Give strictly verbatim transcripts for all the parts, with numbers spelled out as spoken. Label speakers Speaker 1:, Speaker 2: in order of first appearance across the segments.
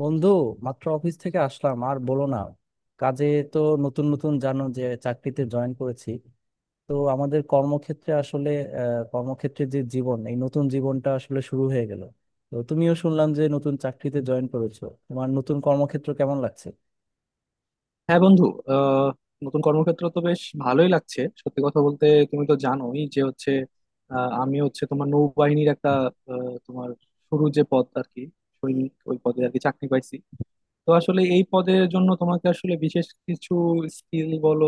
Speaker 1: বন্ধু, মাত্র অফিস থেকে আসলাম। আর বলো না, কাজে। তো নতুন নতুন জানো যে চাকরিতে জয়েন করেছি। তো আমাদের কর্মক্ষেত্রে আসলে আহ, কর্মক্ষেত্রের যে জীবন, এই নতুন জীবনটা আসলে শুরু হয়ে গেল। তো তুমিও শুনলাম যে নতুন চাকরিতে জয়েন করেছো, তোমার নতুন কর্মক্ষেত্র কেমন লাগছে?
Speaker 2: হ্যাঁ বন্ধু। আহ নতুন কর্মক্ষেত্র তো বেশ ভালোই লাগছে। সত্যি কথা বলতে তুমি তো জানোই যে হচ্ছে, আহ, আমি হচ্ছে তোমার নৌবাহিনীর একটা, আহ, তোমার শুরু যে পদ আর কি, সৈনিক ওই পদে আর কি চাকরি পাইছি। তো আসলে এই পদের জন্য তোমাকে আসলে বিশেষ কিছু স্কিল বলো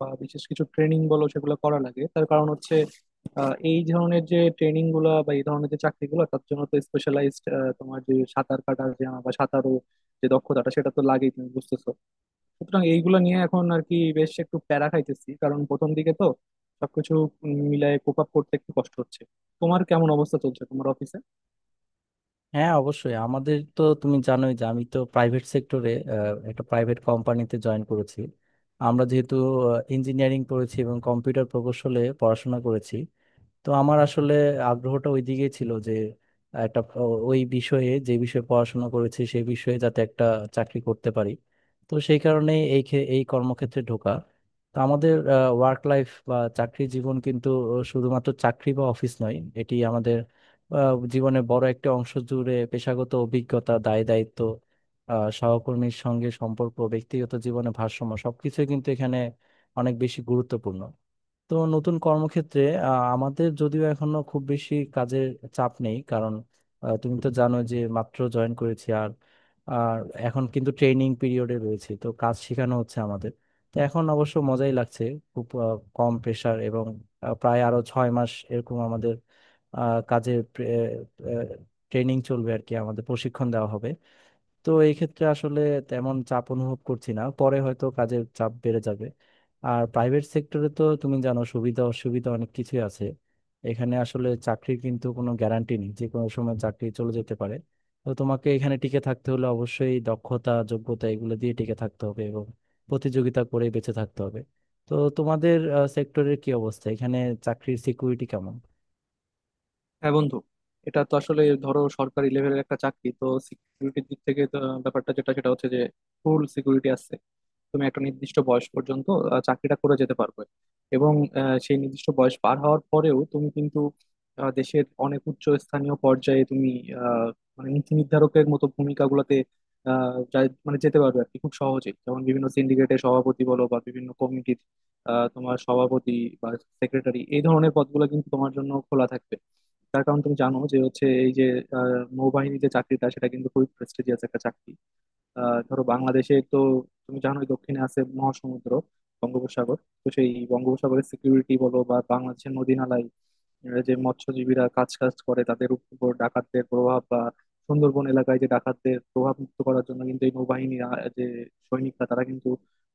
Speaker 2: বা বিশেষ কিছু ট্রেনিং বলো, সেগুলো করা লাগে। তার কারণ হচ্ছে, আহ, এই ধরনের যে ট্রেনিং গুলা বা এই ধরনের যে চাকরিগুলো তার জন্য তো স্পেশালাইজড তোমার যে সাঁতার কাটা জানা বা সাঁতারও যে দক্ষতাটা, সেটা তো লাগেই, তুমি বুঝতেছো। সুতরাং এইগুলো নিয়ে এখন আর কি বেশ একটু প্যারা খাইতেছি, কারণ প্রথম দিকে তো সবকিছু মিলায় কোপ আপ করতে একটু কষ্ট হচ্ছে। তোমার কেমন অবস্থা চলছে তোমার অফিসে?
Speaker 1: হ্যাঁ অবশ্যই, আমাদের তো তুমি জানোই যে আমি তো প্রাইভেট সেক্টরে, একটা প্রাইভেট কোম্পানিতে জয়েন করেছি। আমরা যেহেতু ইঞ্জিনিয়ারিং পড়েছি এবং কম্পিউটার প্রকৌশলে পড়াশোনা করেছি, তো আমার আসলে আগ্রহটা ওইদিকেই ছিল যে একটা ও- ওই বিষয়ে, যে বিষয়ে পড়াশোনা করেছি সেই বিষয়ে যাতে একটা চাকরি করতে পারি। তো সেই কারণে এই ক্ষে- এই কর্মক্ষেত্রে ঢোকা। তো আমাদের ওয়ার্ক লাইফ বা চাকরি জীবন কিন্তু শুধুমাত্র চাকরি বা অফিস নয়। এটি আমাদের আহ, জীবনের বড় একটা অংশ জুড়ে পেশাগত অভিজ্ঞতা, দায় দায়িত্ব, আহ, সহকর্মীর সঙ্গে সম্পর্ক, ব্যক্তিগত জীবনে ভারসাম্য, সবকিছুই কিন্তু এখানে অনেক বেশি গুরুত্বপূর্ণ। তো নতুন কর্মক্ষেত্রে আহ, আমাদের যদিও এখনো খুব বেশি কাজের চাপ নেই, কারণ আহ, তুমি তো জানো যে মাত্র জয়েন করেছি। আর আর এখন কিন্তু ট্রেনিং পিরিয়ডে রয়েছে, তো কাজ শেখানো হচ্ছে আমাদের। তো এখন অবশ্য মজাই লাগছে, খুব আহ, কম প্রেশার। এবং আহ, প্রায় আরো ছয় মাস এরকম আমাদের আহ, কাজের ট্রেনিং চলবে আর কি, আমাদের প্রশিক্ষণ দেওয়া হবে। তো এই ক্ষেত্রে আসলে তেমন চাপ অনুভব করছি না, পরে হয়তো কাজের চাপ বেড়ে যাবে। আর প্রাইভেট সেক্টরে তো তুমি জানো সুবিধা অসুবিধা অনেক কিছুই আছে। এখানে আসলে চাকরির কিন্তু কোনো গ্যারান্টি নেই, যে কোনো সময় চাকরি চলে যেতে পারে। তো তোমাকে এখানে টিকে থাকতে হলে অবশ্যই দক্ষতা, যোগ্যতা এগুলো দিয়ে টিকে থাকতে হবে এবং প্রতিযোগিতা করে বেঁচে থাকতে হবে। তো তোমাদের সেক্টরের কি অবস্থা, এখানে চাকরির সিকিউরিটি কেমন?
Speaker 2: হ্যাঁ বন্ধু, এটা তো আসলে ধরো সরকারি লেভেলের একটা চাকরি, তো সিকিউরিটির দিক থেকে তো ব্যাপারটা যেটা সেটা হচ্ছে যে ফুল সিকিউরিটি আছে। তুমি একটা নির্দিষ্ট বয়স পর্যন্ত আহ, চাকরিটা করে যেতে পারবে। এবং আহ, সেই নির্দিষ্ট বয়স পার হওয়ার পরেও তুমি কিন্তু আহ, দেশের অনেক উচ্চ স্থানীয় পর্যায়ে তুমি আহ, মানে নীতি নির্ধারকের মতো ভূমিকাগুলোতে, আহ, যা- মানে যেতে পারবে আর কি খুব সহজেই। যেমন বিভিন্ন সিন্ডিকেটের সভাপতি বলো বা বিভিন্ন কমিটির আহ, তোমার সভাপতি বা সেক্রেটারি, এই ধরনের পদগুলো কিন্তু তোমার জন্য খোলা থাকবে। তার কারণ তুমি জানো যে হচ্ছে এই যে আহ, নৌবাহিনীর যে চাকরিটা সেটা কিন্তু খুবই প্রেস্টিজিয়াস একটা চাকরি। আহ ধরো বাংলাদেশে তো তুমি জানোই দক্ষিণে আছে মহাসমুদ্র বঙ্গোপসাগর। তো সেই বঙ্গোপসাগরের সিকিউরিটি বলো বা বাংলাদেশের নদীনালায় আহ যে মৎস্যজীবীরা কাজ কাজ করে তাদের উপর ডাকাতদের প্রভাব বা সুন্দরবন এলাকায় যে ডাকাতদের প্রভাব, মুক্ত করার জন্য কিন্তু এই নৌবাহিনীর আহ, যে সৈনিকরা তারা কিন্তু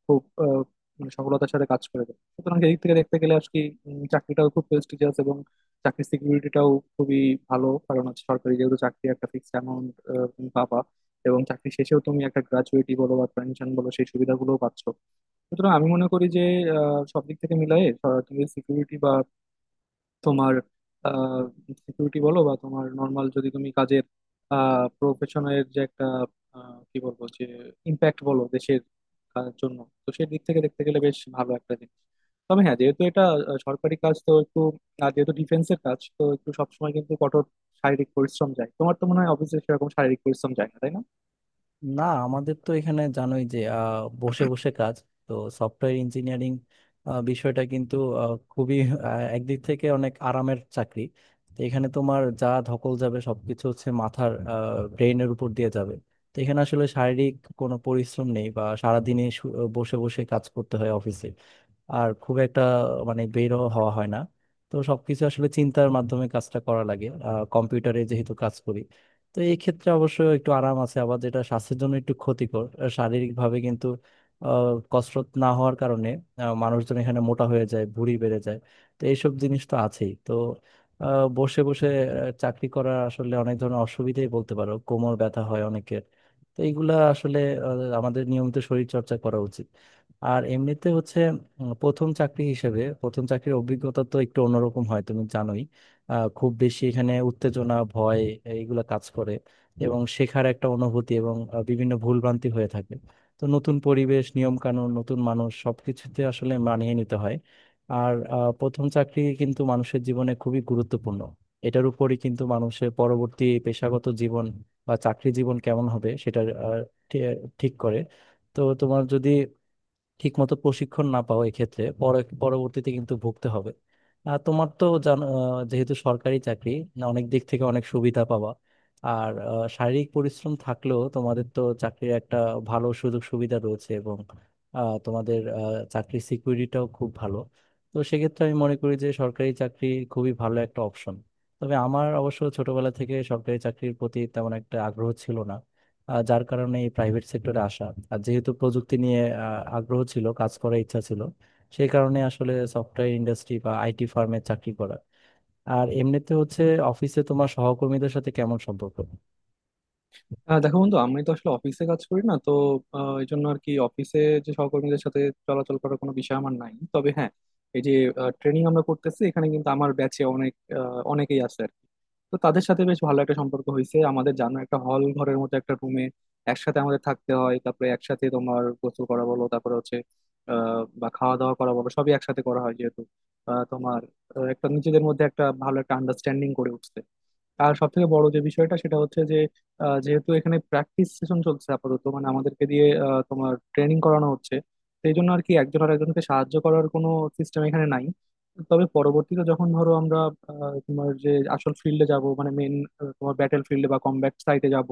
Speaker 2: খুব আহ, মানে সফলতার সাথে কাজ করে দেয়। সুতরাং এই দিক থেকে দেখতে গেলে আজকে উম, চাকরিটাও খুব প্রেস্টিজিয়াস এবং চাকরির সিকিউরিটিটাও খুবই ভালো। কারণ হচ্ছে সরকারি যেহেতু চাকরি, একটা ফিক্সড অ্যামাউন্ট পাবা এবং চাকরি শেষেও তুমি একটা গ্র্যাচুইটি বলো বা পেনশন বলো সেই সুবিধাগুলো পাচ্ছ। সুতরাং আমি মনে করি যে আহ, সব দিক থেকে মিলাই তুমি সিকিউরিটি বা তোমার সিকিউরিটি বলো বা তোমার নর্মাল যদি তুমি কাজের প্রফেশনের যে একটা আহ, কি বলবো যে ইম্প্যাক্ট বলো দেশের আহ, জন্য, তো সেই দিক থেকে দেখতে গেলে বেশ ভালো একটা জিনিস। তবে হ্যাঁ, যেহেতু এটা আহ, সরকারি কাজ তো একটু, আর যেহেতু ডিফেন্সের কাজ তো একটু সবসময় কিন্তু কঠোর শারীরিক পরিশ্রম যায়। তোমার তো মনে হয় অফিসে সেরকম শারীরিক পরিশ্রম যায় না, তাই না?
Speaker 1: না, আমাদের তো এখানে জানোই যে আহ, বসে বসে কাজ। তো সফটওয়্যার ইঞ্জিনিয়ারিং বিষয়টা কিন্তু আহ, খুবই আহ, একদিক থেকে অনেক আরামের চাকরি। তো এখানে তোমার যা ধকল যাবে সবকিছু হচ্ছে মাথার, ব্রেইনের উপর দিয়ে যাবে। তো এখানে আসলে শারীরিক কোনো পরিশ্রম নেই, বা সারাদিনে শু- বসে বসে কাজ করতে হয় অফিসে। আর খুব একটা মানে বেরও হওয়া হয় না। তো সবকিছু আসলে চিন্তার মাধ্যমে কাজটা করা লাগে, আহ, কম্পিউটারে যেহেতু কাজ করি। তো এই ক্ষেত্রে অবশ্য একটু আরাম আছে। আবার যেটা স্বাস্থ্যের জন্য একটু ক্ষতিকর, আহ, শারীরিকভাবে কিন্তু আহ, কসরত না হওয়ার কারণে আহ, মানুষজন এখানে মোটা হয়ে যায়, ভুঁড়ি বেড়ে যায়। তো এইসব জিনিস তো আছেই। তো আহ, বসে বসে আহ, চাকরি করার আসলে অনেক ধরনের অসুবিধাই বলতে পারো, কোমর ব্যথা হয় অনেকের। তো এইগুলা আসলে আহ, আমাদের নিয়মিত শরীর চর্চা করা উচিত। আর এমনিতে হচ্ছে আহ, প্রথম চাকরি হিসেবে প্রথম চাকরির অভিজ্ঞতা তো একটু অন্যরকম হয়, তুমি জানোই। আহ, খুব বেশি এখানে উত্তেজনা, ভয় এইগুলো কাজ করে এবং শেখার একটা অনুভূতি এবং আহ, বিভিন্ন ভুলভ্রান্তি হয়ে থাকে। তো নতুন পরিবেশ, নিয়ম কানুন, নতুন মানুষ, সবকিছুতে আসলে মানিয়ে নিতে হয়। আর আহ, প্রথম চাকরি কিন্তু মানুষের জীবনে খুবই গুরুত্বপূর্ণ। এটার উপরই কিন্তু মানুষের পরবর্তী পেশাগত জীবন বা চাকরি জীবন কেমন হবে সেটা আহ, ঠি- ঠিক করে। তো তোমার যদি ঠিকমতো প্রশিক্ষণ না পাওয়া, এক্ষেত্রে পরে পরবর্তীতে কিন্তু ভুগতে হবে। আর তোমার তো জানো আহ, যেহেতু সরকারি চাকরি, না, অনেক দিক থেকে অনেক সুবিধা পাওয়া। আর আহ, শারীরিক পরিশ্রম থাকলেও তোমাদের তো চাকরির একটা ভালো সুযোগ সুবিধা রয়েছে, এবং আহ, তোমাদের আহ, চাকরির সিকিউরিটিটাও খুব ভালো। তো সেক্ষেত্রে আমি মনে করি যে সরকারি চাকরি খুবই ভালো একটা অপশন। তবে আমার অবশ্য ছোটবেলা থেকে সরকারি চাকরির প্রতি তেমন একটা আগ্রহ ছিল না, আহ, যার কারণে এই প্রাইভেট সেক্টরে আসা। আর যেহেতু প্রযুক্তি নিয়ে আহ, আগ্রহ ছিল, কাজ করার ইচ্ছা ছিল, সেই কারণে আসলে সফটওয়্যার ইন্ডাস্ট্রি বা আইটি ফার্মে চাকরি করা। আর এমনিতে হচ্ছে, অফিসে তোমার সহকর্মীদের সাথে কেমন সম্পর্ক?
Speaker 2: আহ দেখো বন্ধু, আমি তো আসলে অফিসে কাজ করি না, তো আহ, এই জন্য আর কি অফিসে যে সহকর্মীদের সাথে চলাচল করার কোনো বিষয় আমার নাই। তবে হ্যাঁ, এই যে ট্রেনিং আমরা করতেছি, এখানে কিন্তু আমার ব্যাচে অনেক, আহ, অনেকেই আছে আর কি। তো তাদের সাথে বেশ ভালো একটা সম্পর্ক হয়েছে আমাদের। জানো, একটা হল ঘরের মতো একটা রুমে একসাথে আমাদের থাকতে হয়। তারপরে একসাথে তোমার গোসল করা বলো, তারপরে হচ্ছে আহ বা খাওয়া দাওয়া করা বলো, সবই একসাথে করা হয়। যেহেতু আহ, তোমার আহ, একটা নিজেদের মধ্যে একটা ভালো একটা আন্ডারস্ট্যান্ডিং করে উঠছে। আর সব থেকে বড় যে বিষয়টা সেটা হচ্ছে যে আহ, যেহেতু এখানে প্র্যাকটিস সেশন চলছে আপাতত, মানে আমাদেরকে দিয়ে আহ, তোমার ট্রেনিং করানো হচ্ছে, সেই জন্য আর কি একজন আর একজনকে সাহায্য করার কোনো সিস্টেম এখানে নাই। তবে পরবর্তীতে যখন ধরো আমরা আহ, তোমার যে আসল ফিল্ডে যাব, মানে মেন তোমার ব্যাটেল ফিল্ডে বা কমব্যাট সাইটে যাব,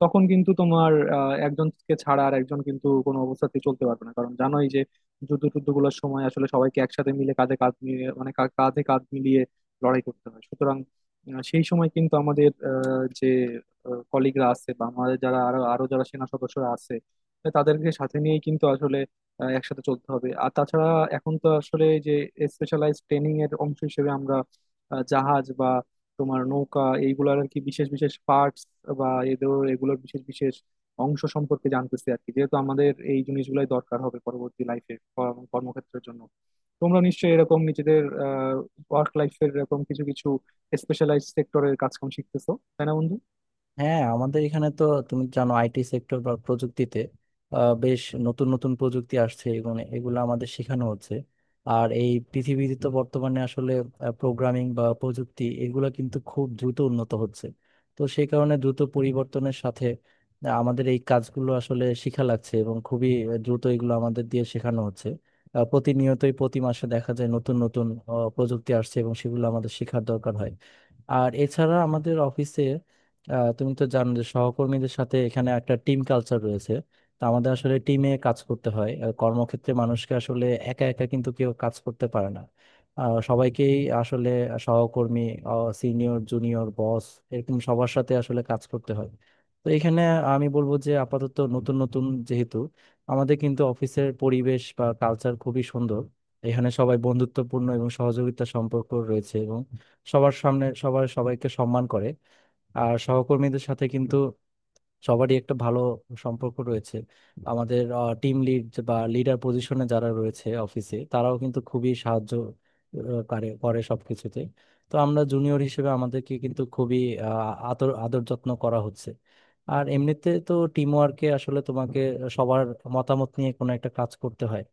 Speaker 2: তখন কিন্তু তোমার আহ, একজনকে ছাড়া আর একজন কিন্তু কোনো অবস্থাতেই চলতে পারবে না। কারণ জানোই যে যুদ্ধ টুদ্ধ গুলোর সময় আসলে সবাইকে একসাথে মিলে কাঁধে কাঁধ মিলিয়ে, মানে কা- কাঁধে কাঁধ মিলিয়ে লড়াই করতে হয়। সুতরাং আহ, সেই সময় কিন্তু আমাদের আহ, যে কলিগরা আছে বা আমাদের যারা আরো আরো যারা সেনা সদস্যরা আছে তাদেরকে সাথে নিয়েই কিন্তু আসলে আহ, একসাথে চলতে হবে। আর তাছাড়া এখন তো আসলে যে স্পেশালাইজড ট্রেনিং এর অংশ হিসেবে আমরা আহ, জাহাজ বা তোমার নৌকা এইগুলার আর কি বিশেষ বিশেষ পার্টস বা এদের এগুলোর বিশেষ বিশেষ অংশ সম্পর্কে জানতেছি আর কি। যেহেতু আমাদের এই জিনিসগুলাই দরকার হবে পরবর্তী লাইফে কর্মক্ষেত্রের জন্য। তোমরা নিশ্চয়ই এরকম নিজেদের ওয়ার্ক লাইফের এরকম কিছু কিছু স্পেশালাইজ সেক্টরের কাজ কাম শিখতেছো, তাই না বন্ধু?
Speaker 1: হ্যাঁ, আমাদের এখানে তো তুমি জানো আইটি সেক্টর বা প্রযুক্তিতে আহ, বেশ নতুন নতুন প্রযুক্তি আসছে, এগুলো এগুলো আমাদের শেখানো হচ্ছে। আর এই পৃথিবীতে তো বর্তমানে আসলে প্রোগ্রামিং বা প্রযুক্তি এগুলো কিন্তু খুব দ্রুত উন্নত হচ্ছে। তো সেই কারণে দ্রুত পরিবর্তনের সাথে আহ, আমাদের এই কাজগুলো আসলে শেখা লাগছে এবং খুবই আহ, দ্রুত এগুলো আমাদের দিয়ে শেখানো হচ্ছে। আহ, প্রতিনিয়তই প্রতি মাসে দেখা যায় নতুন নতুন আহ, প্রযুক্তি আসছে এবং সেগুলো আমাদের শেখার দরকার হয়। আর এছাড়া আমাদের অফিসে আহ, তুমি তো জানো যে সহকর্মীদের সাথে এখানে একটা টিম কালচার রয়েছে। তো আমাদের আসলে টিমে কাজ করতে হয়। আহ, কর্মক্ষেত্রে মানুষকে আসলে একা একা কিন্তু কেউ কাজ করতে পারে না। আহ, সবাইকেই আসলে সহকর্মী, সিনিয়র, জুনিয়র, বস, এরকম সবার সাথে আসলে কাজ করতে হয়। তো এখানে আমি বলবো যে আপাতত নতুন নতুন যেহেতু, আমাদের কিন্তু অফিসের পরিবেশ বা কালচার খুবই সুন্দর। এখানে সবাই বন্ধুত্বপূর্ণ এবং সহযোগিতা সম্পর্ক রয়েছে এবং সবার সামনে সবার সবাইকে সম্মান করে। আর সহকর্মীদের সাথে কিন্তু সবারই একটা ভালো সম্পর্ক রয়েছে। আমাদের টিম লিড বা লিডার পজিশনে যারা রয়েছে অফিসে তারাও কিন্তু খুবই সাহায্য আহ, করে করে সবকিছুতে। তো আমরা জুনিয়র হিসেবে আমাদেরকে কিন্তু খুবই আহ, আদর আদর যত্ন করা হচ্ছে। আর এমনিতে তো টিম ওয়ার্কে আসলে তোমাকে সবার মতামত নিয়ে কোনো একটা কাজ করতে হয়।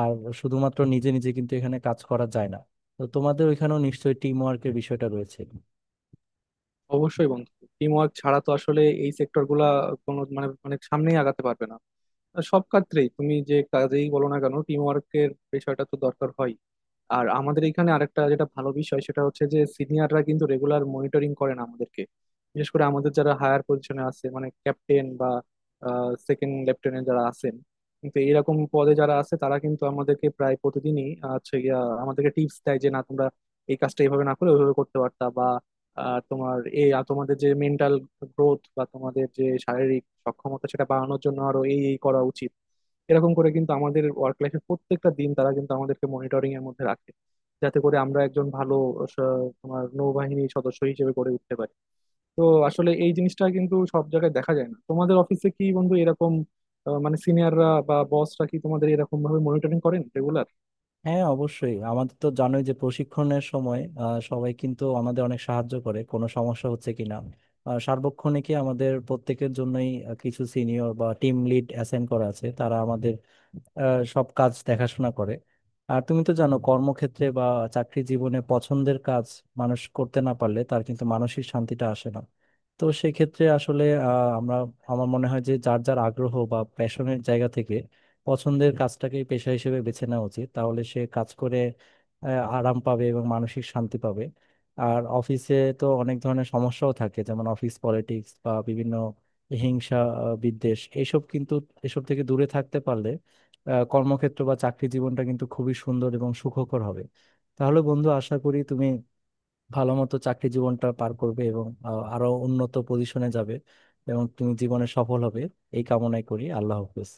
Speaker 1: আর শুধুমাত্র নিজে নিজে কিন্তু এখানে কাজ করা যায় না। তো তোমাদের ওইখানেও নিশ্চয়ই টিম ওয়ার্কের বিষয়টা রয়েছে।
Speaker 2: অবশ্যই বন্ধু, টিম ওয়ার্ক ছাড়া তো আসলে এই সেক্টর গুলা কোনো মানে অনেক সামনেই আগাতে পারবে না। আর সব ক্ষেত্রেই তুমি যে কাজেই বলো না কেন, টিম ওয়ার্কের বিষয়টা তো দরকার হয়। আর আমাদের এখানে আরেকটা যেটা ভালো বিষয় সেটা হচ্ছে যে সিনিয়ররা কিন্তু রেগুলার মনিটরিং করে না আমাদেরকে। বিশেষ করে আমাদের যারা হায়ার পজিশনে আছে, মানে ক্যাপ্টেন বা সেকেন্ড লেফটেন্যান্ট যারা আছেন, কিন্তু এরকম পদে যারা আছে তারা কিন্তু আমাদেরকে প্রায় প্রতিদিনই আছে গিয়া আমাদেরকে টিপস দেয় যে না, তোমরা এই কাজটা এইভাবে না করে ওইভাবে করতে পারতা, বা আহ, তোমার এই আ- তোমাদের যে মেন্টাল গ্রোথ বা তোমাদের যে শারীরিক সক্ষমতা সেটা বাড়ানোর জন্য আরো এই এই করা উচিত। এরকম করে কিন্তু আমাদের ওয়ার্ক লাইফের প্রত্যেকটা দিন তারা কিন্তু আমাদেরকে মনিটরিং এর মধ্যে রাখে, যাতে করে আমরা একজন ভালো স- তোমার নৌবাহিনী সদস্য হিসেবে গড়ে উঠতে পারি। তো আসলে এই জিনিসটা কিন্তু সব জায়গায় দেখা যায় না। তোমাদের অফিসে কি বন্ধু এরকম, আহ, মানে সিনিয়ররা বা বসরা কি তোমাদের এরকম ভাবে মনিটরিং করেন রেগুলার?
Speaker 1: হ্যাঁ অবশ্যই, আমাদের তো জানোই যে প্রশিক্ষণের সময় আহ, সবাই কিন্তু আমাদের অনেক সাহায্য করে, কোনো সমস্যা হচ্ছে কিনা। আহ, সার্বক্ষণিকই আমাদের প্রত্যেকের জন্যই আহ, কিছু সিনিয়র বা টিম লিড অ্যাসাইন করা আছে, তারা আমাদের আহ, সব কাজ দেখাশোনা করে। আর তুমি তো জানো কর্মক্ষেত্রে বা চাকরি জীবনে পছন্দের কাজ মানুষ করতে না পারলে তার কিন্তু মানসিক শান্তিটা আসে না। তো সেক্ষেত্রে আসলে আহ, আমরা আমার মনে হয় যে যার যার আগ্রহ বা প্যাশনের জায়গা থেকে পছন্দের কাজটাকে পেশা হিসেবে বেছে নেওয়া উচিত। তাহলে সে কাজ করে আহ, আরাম পাবে এবং মানসিক শান্তি পাবে। আর অফিসে তো অনেক ধরনের সমস্যাও থাকে, যেমন অফিস পলিটিক্স বা বিভিন্ন হিংসা, আহ, বিদ্বেষ, এসব কিন্তু, এসব থেকে দূরে থাকতে পারলে আহ, কর্মক্ষেত্র বা চাকরি জীবনটা কিন্তু খুবই সুন্দর এবং সুখকর হবে। তাহলে বন্ধু, আশা করি তুমি ভালো মতো চাকরি জীবনটা পার করবে এবং আহ, আরো উন্নত পজিশনে যাবে এবং তুমি জীবনে সফল হবে। এই কামনাই করি। আল্লাহ হাফেজ।